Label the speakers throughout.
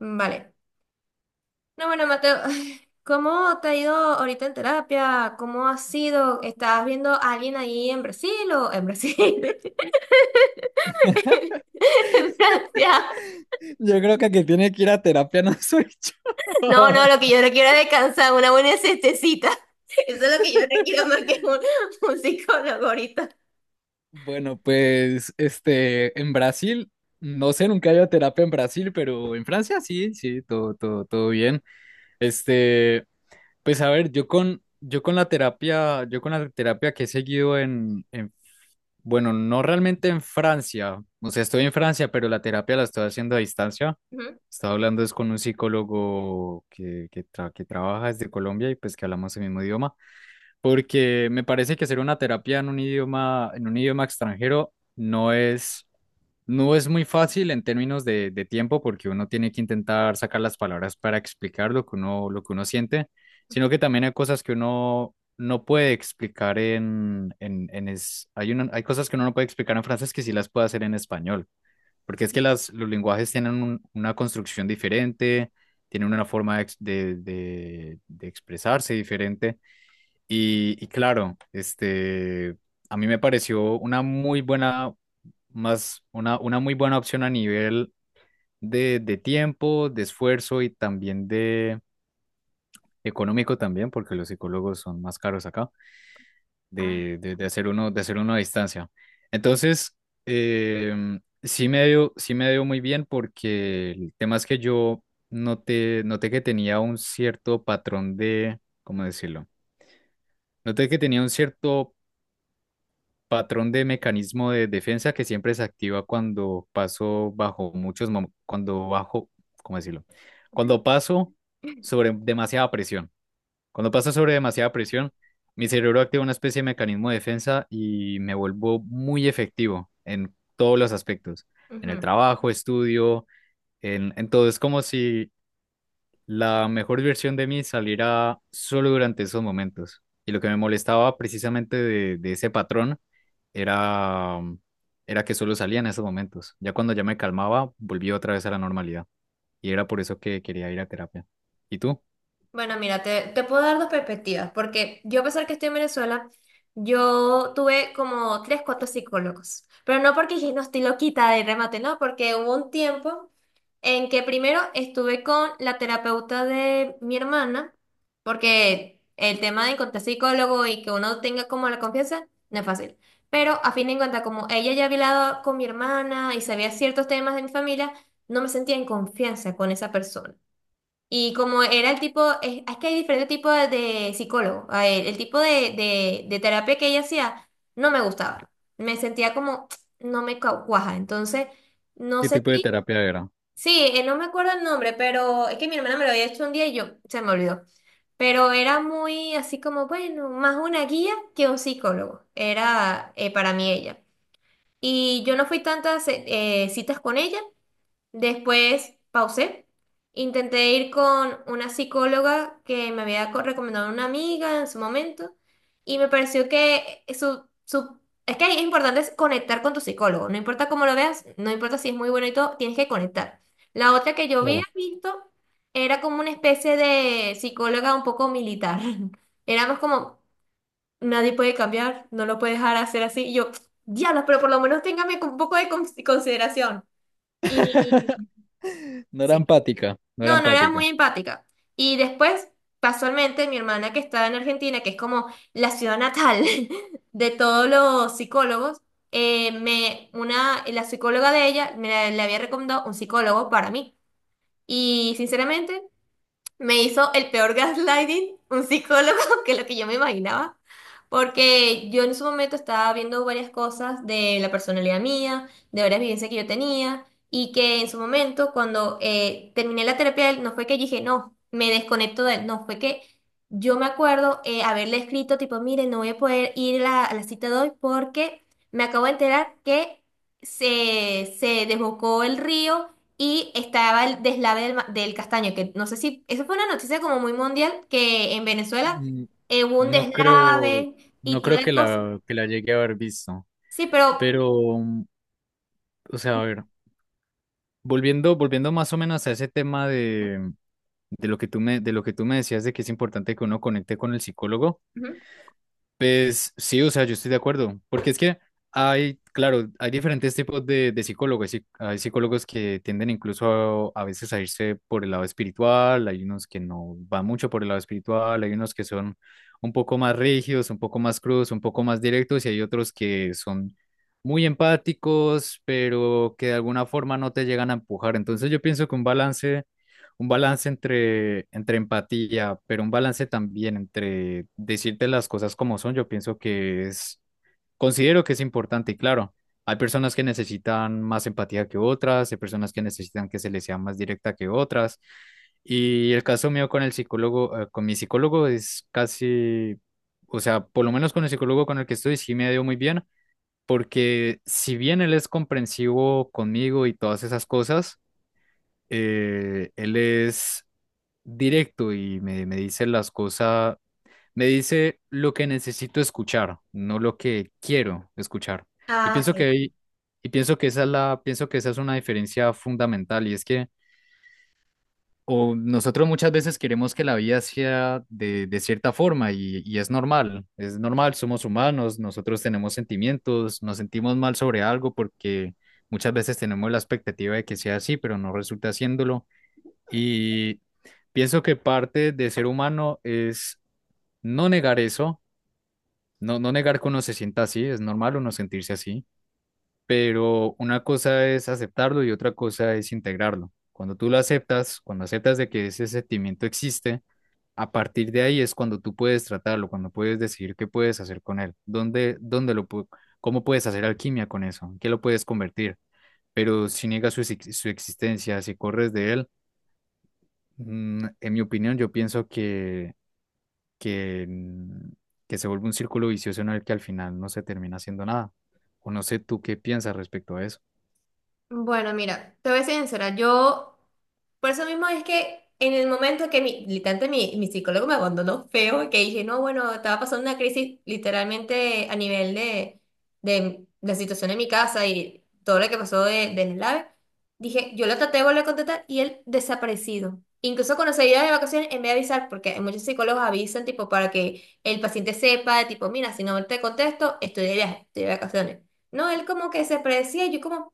Speaker 1: Vale. No, bueno, Mateo, ¿cómo te ha ido ahorita en terapia? ¿Cómo ha sido? ¿Estás viendo a alguien ahí en Brasil o en Brasil? En Francia.
Speaker 2: Yo creo que el que tiene que ir a terapia no soy yo.
Speaker 1: No, no, lo que yo no quiero es descansar, una buena siestecita. Eso es lo que yo no quiero más que un psicólogo ahorita.
Speaker 2: Bueno, pues en Brasil, no sé, nunca he ido a terapia en Brasil, pero en Francia sí, sí, todo, todo, todo bien. Este, pues a ver, yo con la terapia, yo con la terapia que he seguido bueno, no realmente en Francia, o sea, estoy en Francia, pero la terapia la estoy haciendo a distancia.
Speaker 1: Ujú.
Speaker 2: Estaba hablando es con un psicólogo que trabaja desde Colombia y pues que hablamos el mismo idioma, porque me parece que hacer una terapia en un idioma extranjero no es muy fácil en términos de tiempo, porque uno tiene que intentar sacar las palabras para explicar lo que uno siente, sino que también hay cosas que uno no puede explicar hay hay cosas que uno no puede explicar en frases que sí las puede hacer en español, porque es que las, los lenguajes tienen una construcción diferente, tienen una forma de, de expresarse diferente. Y claro, a mí me pareció una muy buena, más una muy buena opción a nivel de tiempo, de esfuerzo y también de económico también, porque los psicólogos son más caros acá,
Speaker 1: Ah,
Speaker 2: de hacer uno a distancia. Entonces, sí me dio muy bien porque el tema es que yo noté, noté que tenía un cierto patrón de, ¿cómo decirlo? Noté que tenía un cierto patrón de mecanismo de defensa que siempre se activa cuando paso bajo cuando bajo, ¿cómo decirlo? Cuando paso sobre demasiada presión. Cuando paso sobre demasiada presión, mi cerebro activa una especie de mecanismo de defensa y me vuelvo muy efectivo en todos los aspectos, en el
Speaker 1: ujú.
Speaker 2: trabajo, estudio, en todo. Es como si la mejor versión de mí salirá solo durante esos momentos. Y lo que me molestaba precisamente de ese patrón era, era que solo salía en esos momentos. Ya cuando ya me calmaba, volví otra vez a la normalidad. Y era por eso que quería ir a terapia. ¿Y tú?
Speaker 1: Bueno, mira, te puedo dar dos perspectivas, porque yo a pesar que estoy en Venezuela, yo tuve como tres, cuatro psicólogos, pero no porque dije, no estoy loquita de remate, no, porque hubo un tiempo en que primero estuve con la terapeuta de mi hermana, porque el tema de encontrar psicólogo y que uno tenga como la confianza no es fácil, pero a fin de cuentas, como ella ya había hablado con mi hermana y sabía ciertos temas de mi familia, no me sentía en confianza con esa persona. Y como era el tipo, es que hay diferentes tipos de psicólogo. A ver, el tipo de terapia que ella hacía no me gustaba. Me sentía como, no me cau- cuaja. Entonces, no
Speaker 2: ¿Qué
Speaker 1: sé
Speaker 2: tipo de
Speaker 1: ti.
Speaker 2: terapia era?
Speaker 1: Sí, no me acuerdo el nombre, pero es que mi hermana me lo había hecho un día y yo se me olvidó. Pero era muy así como, bueno, más una guía que un psicólogo. Era para mí ella. Y yo no fui tantas citas con ella. Después pausé. Intenté ir con una psicóloga que me había recomendado una amiga en su momento y me pareció que es que es importante es conectar con tu psicólogo. No importa cómo lo veas, no importa si es muy bueno y todo, tienes que conectar. La otra que yo había
Speaker 2: Claro.
Speaker 1: visto era como una especie de psicóloga un poco militar. Éramos como, nadie puede cambiar, no lo puede dejar hacer así. Y yo, diablos, pero por lo menos téngame con un poco de consideración. Y
Speaker 2: No era
Speaker 1: sí.
Speaker 2: empática, no era
Speaker 1: No, no era muy
Speaker 2: empática.
Speaker 1: empática. Y después, casualmente, mi hermana que está en Argentina, que es como la ciudad natal de todos los psicólogos, la psicóloga de ella le había recomendado un psicólogo para mí. Y sinceramente, me hizo el peor gaslighting un psicólogo que lo que yo me imaginaba, porque yo en su momento estaba viendo varias cosas de la personalidad mía, de varias vivencias que yo tenía, y que en su momento cuando terminé la terapia de él, no fue que dije, no, me desconecto de él, no, fue que yo me acuerdo haberle escrito tipo, mire, no voy a poder ir a la cita de hoy porque me acabo de enterar que se desbocó el río y estaba el deslave del castaño, que no sé si, eso fue una noticia como muy mundial, que en Venezuela
Speaker 2: Mm,
Speaker 1: hubo un
Speaker 2: no creo,
Speaker 1: deslave
Speaker 2: no
Speaker 1: y toda
Speaker 2: creo
Speaker 1: la cosa.
Speaker 2: que la llegué a haber visto.
Speaker 1: Sí, pero...
Speaker 2: Pero, mm, o sea, a ver. Volviendo, volviendo más o menos a ese tema de lo que tú me, de lo que tú me decías de que es importante que uno conecte con el psicólogo.
Speaker 1: Ujú.
Speaker 2: Pues sí, o sea, yo estoy de acuerdo, porque es que hay, claro, hay diferentes tipos de psicólogos. Sí, hay psicólogos que tienden incluso a veces a irse por el lado espiritual, hay unos que no van mucho por el lado espiritual, hay unos que son un poco más rígidos, un poco más crudos, un poco más directos, y hay otros que son muy empáticos, pero que de alguna forma no te llegan a empujar. Entonces yo pienso que un balance entre, entre empatía, pero un balance también entre decirte las cosas como son, yo pienso que es, considero que es importante y claro, hay personas que necesitan más empatía que otras, hay personas que necesitan que se les sea más directa que otras. Y el caso mío con el psicólogo, con mi psicólogo es casi, o sea, por lo menos con el psicólogo con el que estoy sí me ha ido muy bien, porque si bien él es comprensivo conmigo y todas esas cosas, él es directo y me dice las cosas, me dice lo que necesito escuchar, no lo que quiero escuchar. Y
Speaker 1: Ah,
Speaker 2: pienso que
Speaker 1: sí.
Speaker 2: y pienso que esa es la, pienso que esa es una diferencia fundamental y es que o nosotros muchas veces queremos que la vida sea de cierta forma y es normal, somos humanos, nosotros tenemos sentimientos, nos sentimos mal sobre algo porque muchas veces tenemos la expectativa de que sea así, pero no resulta haciéndolo. Y pienso que parte de ser humano es no negar eso, no negar que uno se sienta así, es normal uno sentirse así, pero una cosa es aceptarlo y otra cosa es integrarlo. Cuando tú lo aceptas, cuando aceptas de que ese sentimiento existe, a partir de ahí es cuando tú puedes tratarlo, cuando puedes decidir qué puedes hacer con él, dónde cómo puedes hacer alquimia con eso, en qué lo puedes convertir. Pero si niegas su existencia, si corres de él, mm, en mi opinión, yo pienso que que, mm, que se vuelve un círculo vicioso en el que al final no se termina haciendo nada. O no sé tú qué piensas respecto a eso.
Speaker 1: Bueno, mira, te voy a ser sincera, yo, por eso mismo es que en el momento que literalmente mi psicólogo me abandonó feo, que dije, no, bueno, estaba pasando una crisis literalmente a nivel de la situación en mi casa y todo lo que pasó del LAVE, dije, yo lo traté de volver a contactar y él desaparecido. Incluso cuando se iba de vacaciones, en vez de avisar, porque muchos psicólogos avisan, tipo, para que el paciente sepa, tipo, mira, si no te contesto, estoy de viaje, estoy de vacaciones. No, él como que se predecía, y yo como...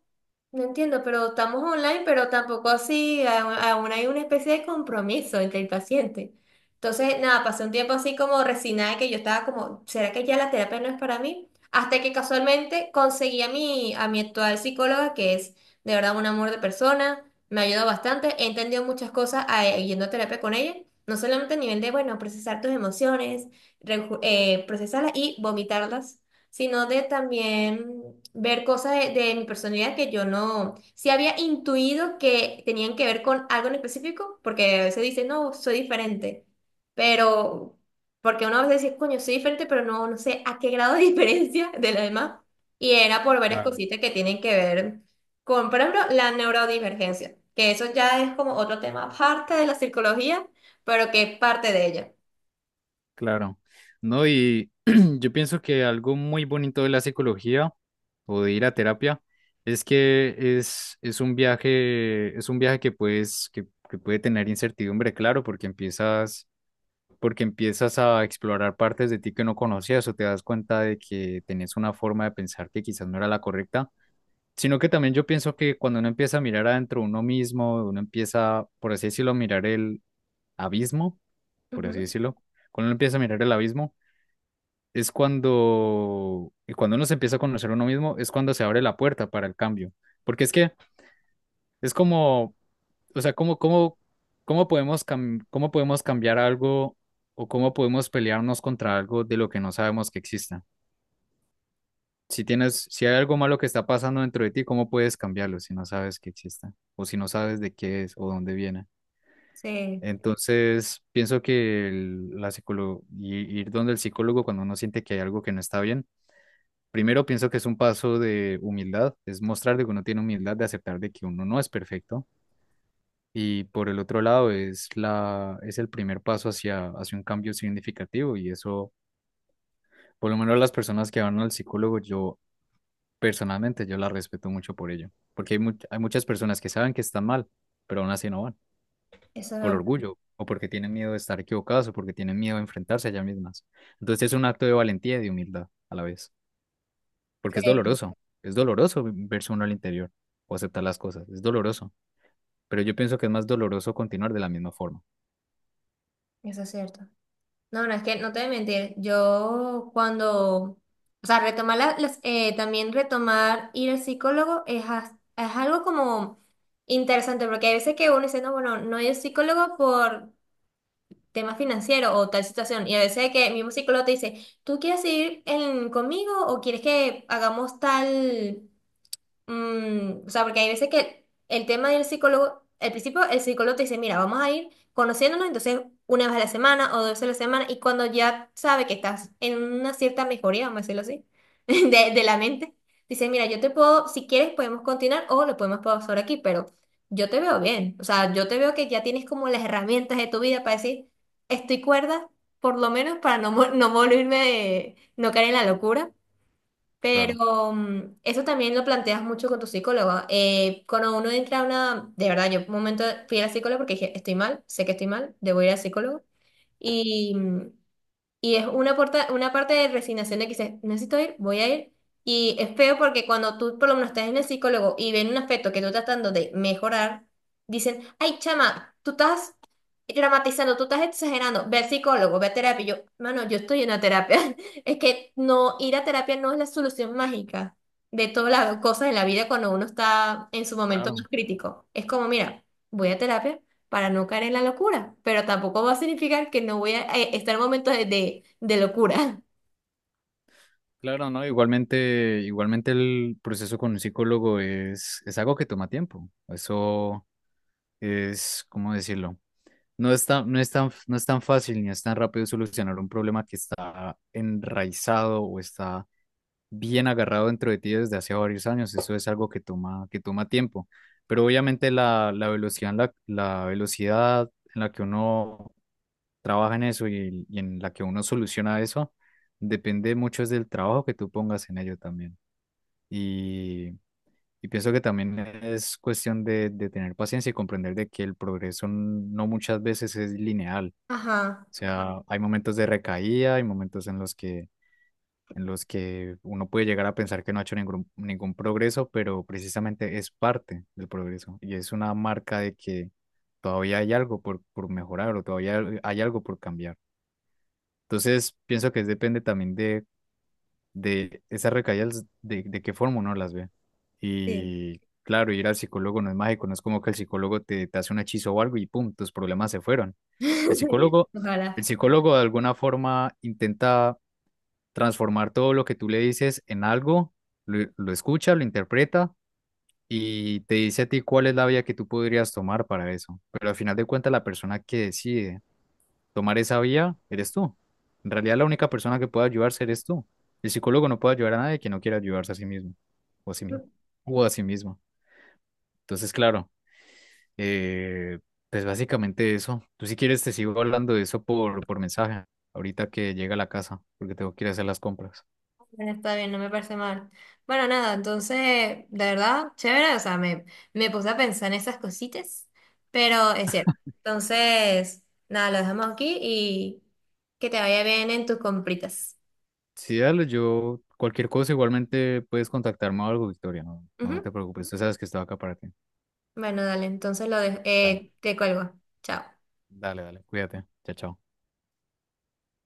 Speaker 1: No entiendo, pero estamos online, pero tampoco así, aún hay una especie de compromiso entre el paciente. Entonces, nada, pasé un tiempo así como resignada, que yo estaba como, ¿será que ya la terapia no es para mí? Hasta que casualmente conseguí a mi actual psicóloga, que es de verdad un amor de persona, me ayudó bastante, he entendido muchas cosas yendo a terapia con ella, no solamente a nivel de, bueno, procesar tus emociones, procesarlas y vomitarlas, sino de también ver cosas de mi personalidad que yo no, si había intuido que tenían que ver con algo en específico, porque a veces dice no, soy diferente, pero porque uno a veces dice, coño, soy diferente, pero no, no sé a qué grado de diferencia de la demás, y era por varias
Speaker 2: Claro.
Speaker 1: cositas que tienen que ver con, por ejemplo, la neurodivergencia, que eso ya es como otro tema aparte de la psicología, pero que es parte de ella.
Speaker 2: Claro, no, y yo pienso que algo muy bonito de la psicología o de ir a terapia es que es un viaje que puedes, que puede tener incertidumbre, claro, porque empiezas a explorar partes de ti que no conocías o te das cuenta de que tenés una forma de pensar que quizás no era la correcta. Sino que también yo pienso que cuando uno empieza a mirar adentro de uno mismo, uno empieza, por así decirlo, a mirar el abismo, por así
Speaker 1: Ujú.
Speaker 2: decirlo, cuando uno empieza a mirar el abismo, es cuando, y cuando uno se empieza a conocer a uno mismo, es cuando se abre la puerta para el cambio. Porque es que es como, o sea, cómo podemos cómo podemos cambiar algo o cómo podemos pelearnos contra algo de lo que no sabemos que exista. Si tienes, si hay algo malo que está pasando dentro de ti, ¿cómo puedes cambiarlo si no sabes que exista? O si no sabes de qué es o dónde viene.
Speaker 1: Sí,
Speaker 2: Entonces, pienso que ir donde el psicólogo cuando uno siente que hay algo que no está bien, primero pienso que es un paso de humildad, es mostrar de que uno tiene humildad, de aceptar de que uno no es perfecto. Y por el otro lado, es la, es el primer paso hacia, hacia un cambio significativo y eso... Por lo menos las personas que van al psicólogo, yo personalmente yo la respeto mucho por ello, porque hay, hay muchas personas que saben que están mal, pero aún así no van,
Speaker 1: eso es
Speaker 2: por
Speaker 1: verdad.
Speaker 2: orgullo, o porque tienen miedo de estar equivocadas, o porque tienen miedo de enfrentarse a ellas mismas. Entonces es un acto de valentía y de humildad a la vez, porque
Speaker 1: Sí,
Speaker 2: es doloroso verse uno al interior o aceptar las cosas, es doloroso, pero yo pienso que es más doloroso continuar de la misma forma.
Speaker 1: eso es cierto. No, no, es que no te voy a mentir. Yo cuando, o sea, retomar también retomar ir al psicólogo es algo como interesante, porque hay veces que uno dice, no, bueno, no ir al psicólogo por tema financiero o tal situación, y a veces que el mismo psicólogo te dice, ¿tú quieres ir conmigo o quieres que hagamos tal? Mm, o sea, porque hay veces que el tema del psicólogo, al principio el psicólogo te dice, mira, vamos a ir conociéndonos, entonces una vez a la semana o dos veces a la semana, y cuando ya sabe que estás en una cierta mejoría, vamos a decirlo así, de la mente, dice, mira, yo te puedo, si quieres podemos continuar o lo podemos pausar aquí, pero yo te veo bien, o sea, yo te veo que ya tienes como las herramientas de tu vida para decir, estoy cuerda, por lo menos para no volverme, no caer en la locura.
Speaker 2: Claro,
Speaker 1: Pero eso también lo planteas mucho con tu psicólogo. Cuando uno entra a una, de verdad, yo un momento fui a la psicóloga porque dije, estoy mal, sé que estoy mal, debo ir al psicólogo. y mm, y es una parte de resignación de que dices, necesito ir, voy a ir. Y es feo porque cuando tú por lo menos estás en el psicólogo y ven un aspecto que tú estás tratando de mejorar, dicen, ay, chama, tú estás dramatizando, tú estás exagerando, ve al psicólogo, ve a terapia. Y yo, mano, yo estoy en la terapia. Es que no, ir a terapia no es la solución mágica de todas las cosas en la vida cuando uno está en su momento más
Speaker 2: claro,
Speaker 1: crítico. Es como, mira, voy a terapia para no caer en la locura, pero tampoco va a significar que no voy a estar en momentos de locura.
Speaker 2: claro, ¿no? Igualmente, igualmente el proceso con un psicólogo es algo que toma tiempo, eso es, ¿cómo decirlo? No es tan fácil ni es tan rápido solucionar un problema que está enraizado o está bien agarrado dentro de ti desde hace varios años. Eso es algo que toma tiempo. Pero obviamente la velocidad, en la velocidad en la que uno trabaja en eso y en la que uno soluciona eso depende mucho es del trabajo que tú pongas en ello también. Y, y pienso que también es cuestión de tener paciencia y comprender de que el progreso no muchas veces es lineal,
Speaker 1: Ajá,
Speaker 2: o sea, hay momentos de recaída, hay momentos en los que uno puede llegar a pensar que no ha hecho ningún progreso, pero precisamente es parte del progreso y es una marca de que todavía hay algo por mejorar o todavía hay algo por cambiar. Entonces, pienso que depende también de esas recaídas, de qué forma uno las ve.
Speaker 1: sí.
Speaker 2: Y claro, ir al psicólogo no es mágico, no es como que el psicólogo te, te hace un hechizo o algo y pum, tus problemas se fueron. El psicólogo, el
Speaker 1: Ojalá.
Speaker 2: psicólogo de alguna forma intenta transformar todo lo que tú le dices en algo, lo escucha, lo interpreta y te dice a ti cuál es la vía que tú podrías tomar para eso. Pero al final de cuentas, la persona que decide tomar esa vía eres tú. En realidad, la única persona que puede ayudarse eres tú. El psicólogo no puede ayudar a nadie que no quiera ayudarse a sí mismo o a sí mismo o a sí mismo. Entonces, claro. Eh, pues básicamente eso. Tú si quieres te sigo hablando de eso por mensaje, ahorita que llega a la casa, porque tengo que ir a hacer las compras.
Speaker 1: Bueno, está bien, no me parece mal. Bueno, nada, entonces, de verdad, chévere, o sea, me puse a pensar en esas cositas, pero es cierto. Entonces, nada, lo dejamos aquí y que te vaya bien en tus compritas.
Speaker 2: Sí, dale, yo cualquier cosa igualmente puedes contactarme o algo, Victoria, no
Speaker 1: Ujú.
Speaker 2: te preocupes, tú sabes que estoy acá para ti.
Speaker 1: Bueno, dale, entonces lo de
Speaker 2: Dale,
Speaker 1: te cuelgo. Chao.
Speaker 2: dale, dale, cuídate, chao, chao.